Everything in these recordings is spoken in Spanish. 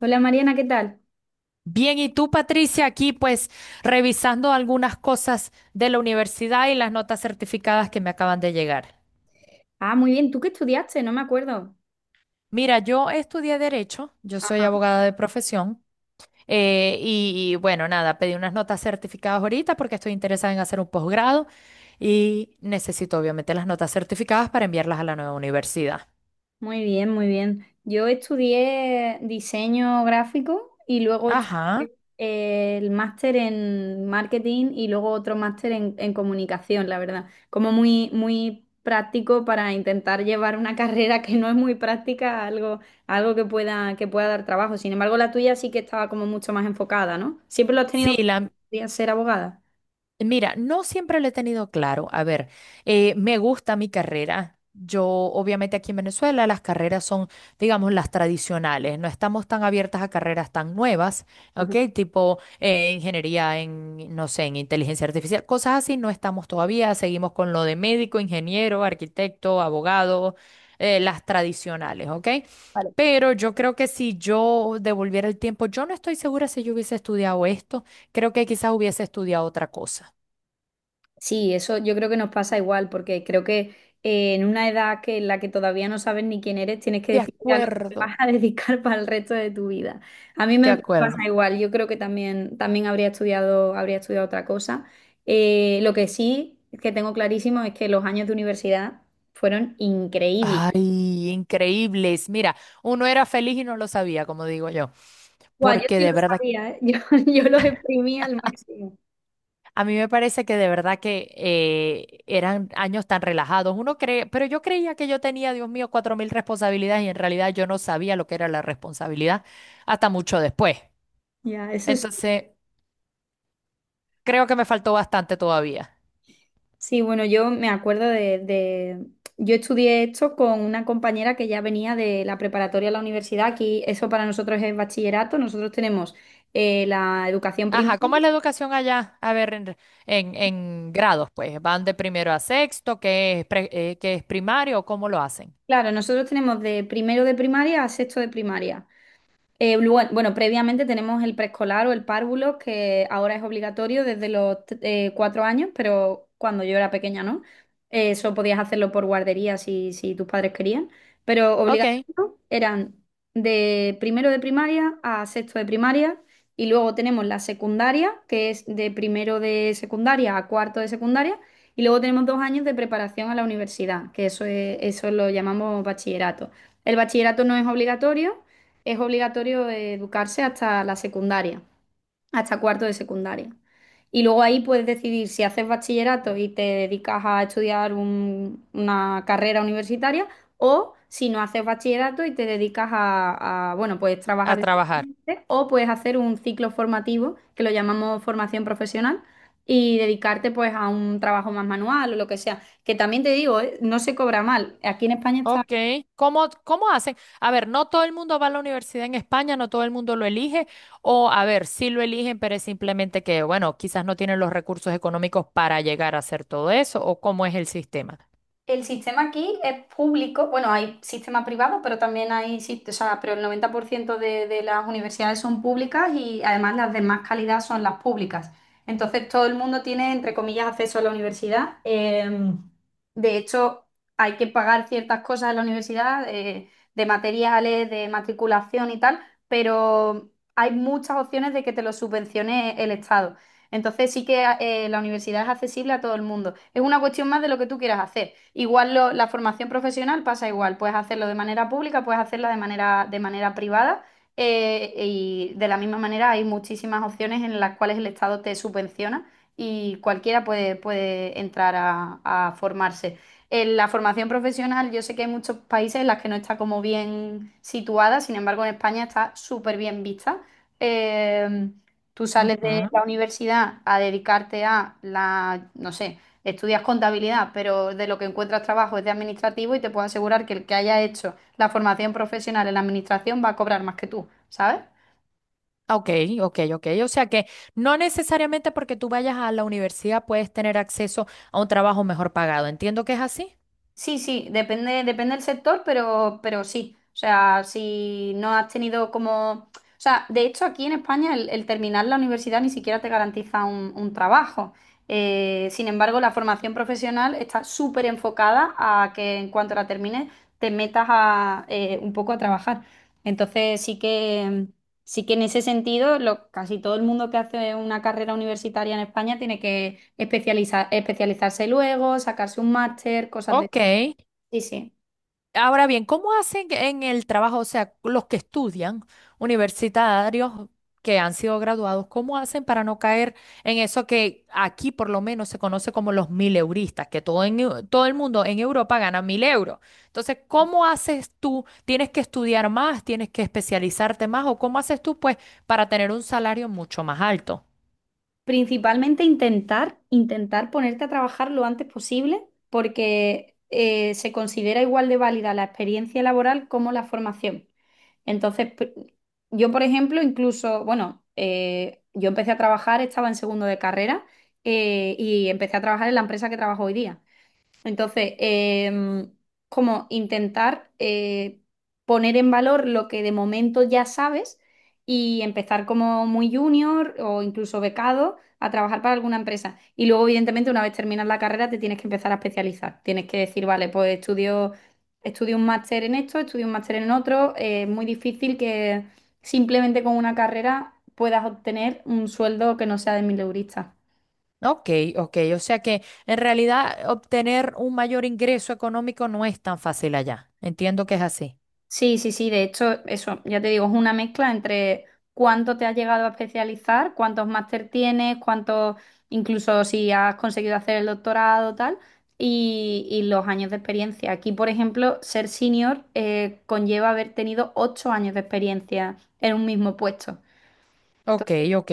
Hola Mariana, ¿qué tal? Bien, y tú, Patricia, aquí pues revisando algunas cosas de la universidad y las notas certificadas que me acaban de llegar. Ah, muy bien. ¿Tú qué estudiaste? No me acuerdo. Mira, yo estudié derecho, yo soy abogada de profesión, y bueno, nada, pedí unas notas certificadas ahorita porque estoy interesada en hacer un posgrado y necesito obviamente las notas certificadas para enviarlas a la nueva universidad. Muy bien, muy bien. Yo estudié diseño gráfico y luego estudié Ajá. El máster en marketing y luego otro máster en comunicación, la verdad. Como muy, muy práctico para intentar llevar una carrera que no es muy práctica a algo que pueda dar trabajo. Sin embargo, la tuya sí que estaba como mucho más enfocada, ¿no? ¿Siempre lo has Sí, tenido la, que ser abogada? Mira, no siempre lo he tenido claro. A ver, me gusta mi carrera. Yo, obviamente, aquí en Venezuela las carreras son, digamos, las tradicionales. No estamos tan abiertas a carreras tan nuevas, Ajá. ¿ok? Tipo ingeniería en, no sé, en inteligencia artificial, cosas así. No estamos todavía. Seguimos con lo de médico, ingeniero, arquitecto, abogado, las tradicionales, ¿ok? Pero yo creo que si yo devolviera el tiempo, yo no estoy segura si yo hubiese estudiado esto. Creo que quizás hubiese estudiado otra cosa. Sí, eso yo creo que nos pasa igual, porque creo que en una edad que en la que todavía no sabes ni quién eres, tienes que De decidir a lo que te acuerdo, vas a dedicar para el resto de tu vida. A mí de me acuerdo. pasa igual, yo creo que también habría estudiado otra cosa. Lo que sí que tengo clarísimo es que los años de universidad fueron increíbles. Ay, increíbles. Mira, uno era feliz y no lo sabía, como digo yo, Guau, yo porque sí de lo verdad, sabía, ¿eh? Yo los exprimí al máximo. a mí me parece que de verdad que eran años tan relajados. Uno cree, pero yo creía que yo tenía, Dios mío, 4.000 responsabilidades y en realidad yo no sabía lo que era la responsabilidad hasta mucho después. Ya, eso sí. Entonces, creo que me faltó bastante todavía. Sí, bueno, yo me acuerdo yo estudié esto con una compañera que ya venía de la preparatoria a la universidad. Aquí eso para nosotros es bachillerato. Nosotros tenemos la educación Ajá, primaria. ¿cómo es la educación allá? A ver, en grados, pues, van de primero a sexto, ¿qué es, que es primario, o cómo lo hacen? Claro, nosotros tenemos de primero de primaria a sexto de primaria. Bueno, bueno, previamente tenemos el preescolar o el párvulo, que ahora es obligatorio desde los cuatro años, pero cuando yo era pequeña, ¿no? Eso podías hacerlo por guardería si tus padres querían, pero Ok, obligatorio eran de primero de primaria a sexto de primaria, y luego tenemos la secundaria, que es de primero de secundaria a cuarto de secundaria, y luego tenemos dos años de preparación a la universidad, que eso lo llamamos bachillerato. El bachillerato no es obligatorio. Es obligatorio educarse hasta la secundaria, hasta cuarto de secundaria. Y luego ahí puedes decidir si haces bachillerato y te dedicas a estudiar una carrera universitaria, o si no haces bachillerato y te dedicas a, bueno, puedes a trabajar trabajar. directamente, o puedes hacer un ciclo formativo que lo llamamos formación profesional, y dedicarte pues a un trabajo más manual o lo que sea. Que también te digo, ¿eh?, no se cobra mal. Aquí en España está. Ok, ¿cómo hacen? A ver, no todo el mundo va a la universidad en España, no todo el mundo lo elige, o a ver, sí lo eligen, pero es simplemente que, bueno, quizás no tienen los recursos económicos para llegar a hacer todo eso, o cómo es el sistema. El sistema aquí es público, bueno, hay sistema privado, pero también hay, o sea, pero el 90% de las universidades son públicas, y además las de más calidad son las públicas. Entonces todo el mundo tiene, entre comillas, acceso a la universidad. De hecho, hay que pagar ciertas cosas en la universidad, de materiales, de matriculación y tal, pero hay muchas opciones de que te lo subvencione el Estado. Entonces sí que la universidad es accesible a todo el mundo. Es una cuestión más de lo que tú quieras hacer. Igual la formación profesional pasa igual. Puedes hacerlo de manera pública, puedes hacerla de manera, privada. Y de la misma manera hay muchísimas opciones en las cuales el Estado te subvenciona, y cualquiera puede entrar a formarse. En la formación profesional, yo sé que hay muchos países en las que no está como bien situada, sin embargo, en España está súper bien vista. Eh, Tú sales de la universidad a dedicarte a la, no sé, estudias contabilidad, pero de lo que encuentras trabajo es de administrativo, y te puedo asegurar que el que haya hecho la formación profesional en la administración va a cobrar más que tú, ¿sabes? Ok, ok, ok. O sea que no necesariamente porque tú vayas a la universidad puedes tener acceso a un trabajo mejor pagado. Entiendo que es así. Sí, sí, depende, del sector, pero sí. O sea, si no has tenido como. O sea, de hecho aquí en España el terminar la universidad ni siquiera te garantiza un trabajo. Sin embargo, la formación profesional está súper enfocada a que en cuanto la termines te metas a, un poco a trabajar. Entonces sí que en ese sentido casi todo el mundo que hace una carrera universitaria en España tiene que especializarse luego, sacarse un máster, cosas de. Ok. Sí, sí. Ahora bien, ¿cómo hacen en el trabajo, o sea, los que estudian, universitarios que han sido graduados, cómo hacen para no caer en eso que aquí por lo menos se conoce como los mil euristas, que todo, todo el mundo en Europa gana 1.000 euros? Entonces, ¿cómo haces tú? ¿Tienes que estudiar más? ¿Tienes que especializarte más? ¿O cómo haces tú, pues, para tener un salario mucho más alto? Principalmente intentar ponerte a trabajar lo antes posible, porque se considera igual de válida la experiencia laboral como la formación. Entonces, yo, por ejemplo, incluso, bueno, yo empecé a trabajar, estaba en segundo de carrera, y empecé a trabajar en la empresa que trabajo hoy día. Entonces, como intentar poner en valor lo que de momento ya sabes, y empezar como muy junior o incluso becado a trabajar para alguna empresa. Y luego, evidentemente, una vez terminas la carrera, te tienes que empezar a especializar. Tienes que decir, vale, pues estudio un máster en esto, estudio un máster en otro. Es muy difícil que simplemente con una carrera puedas obtener un sueldo que no sea de mil mileurista. Ok, ok, o sea que en realidad obtener un mayor ingreso económico no es tan fácil allá. Entiendo que es así. Sí, sí, sí, de hecho, eso, ya te digo, es una mezcla entre cuánto te has llegado a especializar, cuántos máster tienes, cuántos, incluso si has conseguido hacer el doctorado, tal, y los años de experiencia. Aquí, por ejemplo, ser senior conlleva haber tenido 8 años de experiencia en un mismo puesto. Ok, Entonces, ok.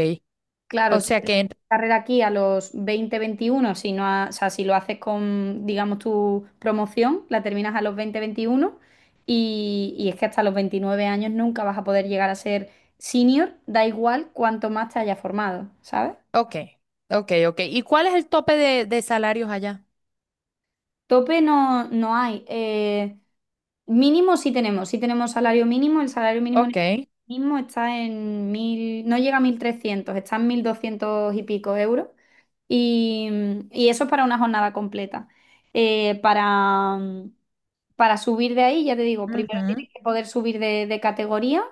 O claro, tú sea que, carrera aquí a los 20, 21, si o sea, si lo haces con, digamos, tu promoción, la terminas a los 20, 21, y es que hasta los 29 años nunca vas a poder llegar a ser senior, da igual cuánto más te hayas formado, ¿sabes? ok, ok, ok. ¿Y cuál es el tope de salarios allá? Tope no, no hay. Mínimo sí tenemos, salario mínimo. El salario mínimo en Ok, España ahora mismo está en mil, no llega a 1.300, está en 1.200 y pico euros. Y, y eso es para una jornada completa. Eh, para, para, subir de ahí, ya te digo, primero ujú, tienes que poder subir de, categoría,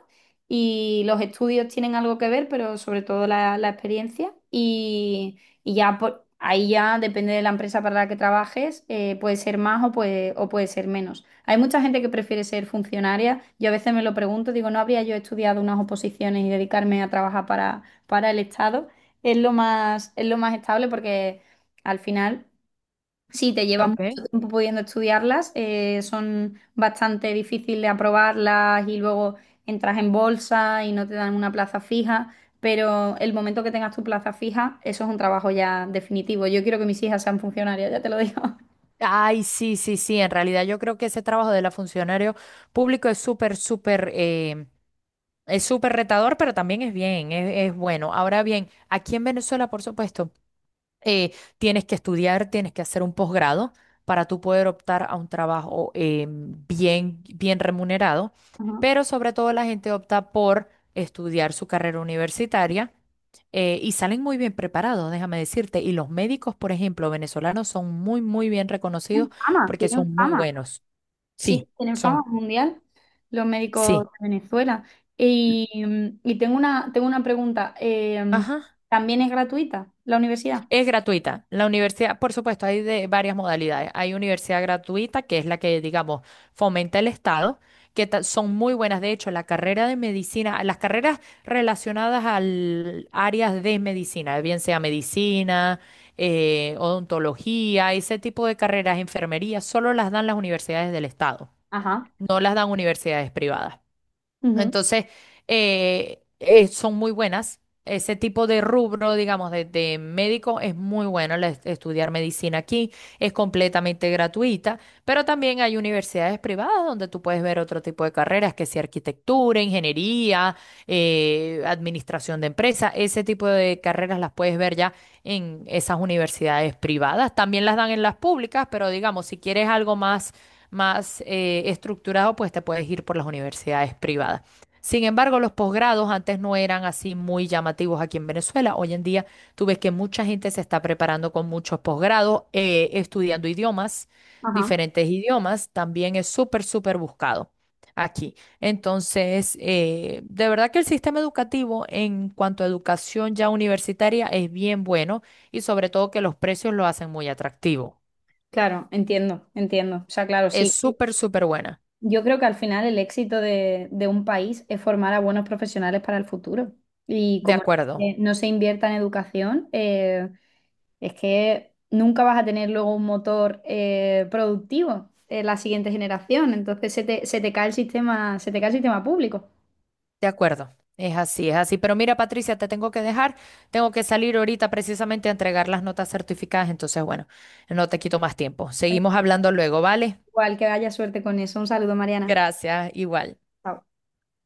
y los estudios tienen algo que ver, pero sobre todo la experiencia. Y ya ahí ya depende de la empresa para la que trabajes, puede ser más o o puede ser menos. Hay mucha gente que prefiere ser funcionaria. Yo a veces me lo pregunto, digo, ¿no habría yo estudiado unas oposiciones y dedicarme a trabajar para el Estado? Es lo más estable porque al final. Sí, te llevas ok. mucho tiempo pudiendo estudiarlas, son bastante difíciles de aprobarlas, y luego entras en bolsa y no te dan una plaza fija, pero el momento que tengas tu plaza fija, eso es un trabajo ya definitivo. Yo quiero que mis hijas sean funcionarias, ya te lo digo. Ay, sí, sí, sí. En realidad yo creo que ese trabajo de la funcionario público es súper, súper, es súper retador, pero también es bien, es bueno. Ahora bien, aquí en Venezuela, por supuesto, tienes que estudiar, tienes que hacer un posgrado para tú poder optar a un trabajo bien, bien remunerado, Ajá. pero sobre todo la gente opta por estudiar su carrera universitaria y salen muy bien preparados, déjame decirte, y los médicos, por ejemplo, venezolanos son muy, muy bien reconocidos Tienen fama, porque tienen son muy fama. buenos. Sí, Sí, sí, tienen fama son, mundial los médicos sí. de Venezuela. Y, y tengo una pregunta, Ajá. ¿también es gratuita la universidad? Es gratuita. La universidad, por supuesto, hay de varias modalidades. Hay universidad gratuita, que es la que, digamos, fomenta el Estado, que son muy buenas. De hecho, la carrera de medicina, las carreras relacionadas al áreas de medicina, bien sea medicina, odontología, ese tipo de carreras, enfermería, solo las dan las universidades del Estado, Ajá. no las dan universidades privadas. Ujú. Entonces, son muy buenas. Ese tipo de rubro, digamos, de médico es muy bueno estudiar medicina aquí, es completamente gratuita, pero también hay universidades privadas donde tú puedes ver otro tipo de carreras, que sea arquitectura, ingeniería, administración de empresas, ese tipo de carreras las puedes ver ya en esas universidades privadas. También las dan en las públicas, pero digamos, si quieres algo más, más estructurado, pues te puedes ir por las universidades privadas. Sin embargo, los posgrados antes no eran así muy llamativos aquí en Venezuela. Hoy en día tú ves que mucha gente se está preparando con muchos posgrados, estudiando idiomas, Ajá. diferentes idiomas. También es súper, súper buscado aquí. Entonces, de verdad que el sistema educativo en cuanto a educación ya universitaria es bien bueno y sobre todo que los precios lo hacen muy atractivo. Claro, entiendo, entiendo. O sea, claro, Es sí. súper, súper buena. Yo creo que al final el éxito de un país es formar a buenos profesionales para el futuro. Y De como acuerdo. No se invierta en educación, es que nunca vas a tener luego un motor productivo en la siguiente generación. Entonces se te cae el sistema, se te cae el sistema público. De acuerdo, es así, es así. Pero mira, Patricia, te tengo que dejar. Tengo que salir ahorita precisamente a entregar las notas certificadas. Entonces, bueno, no te quito más tiempo. Bueno, Seguimos hablando luego, ¿vale? igual que haya suerte con eso. Un saludo, Mariana. Gracias, igual. Chao.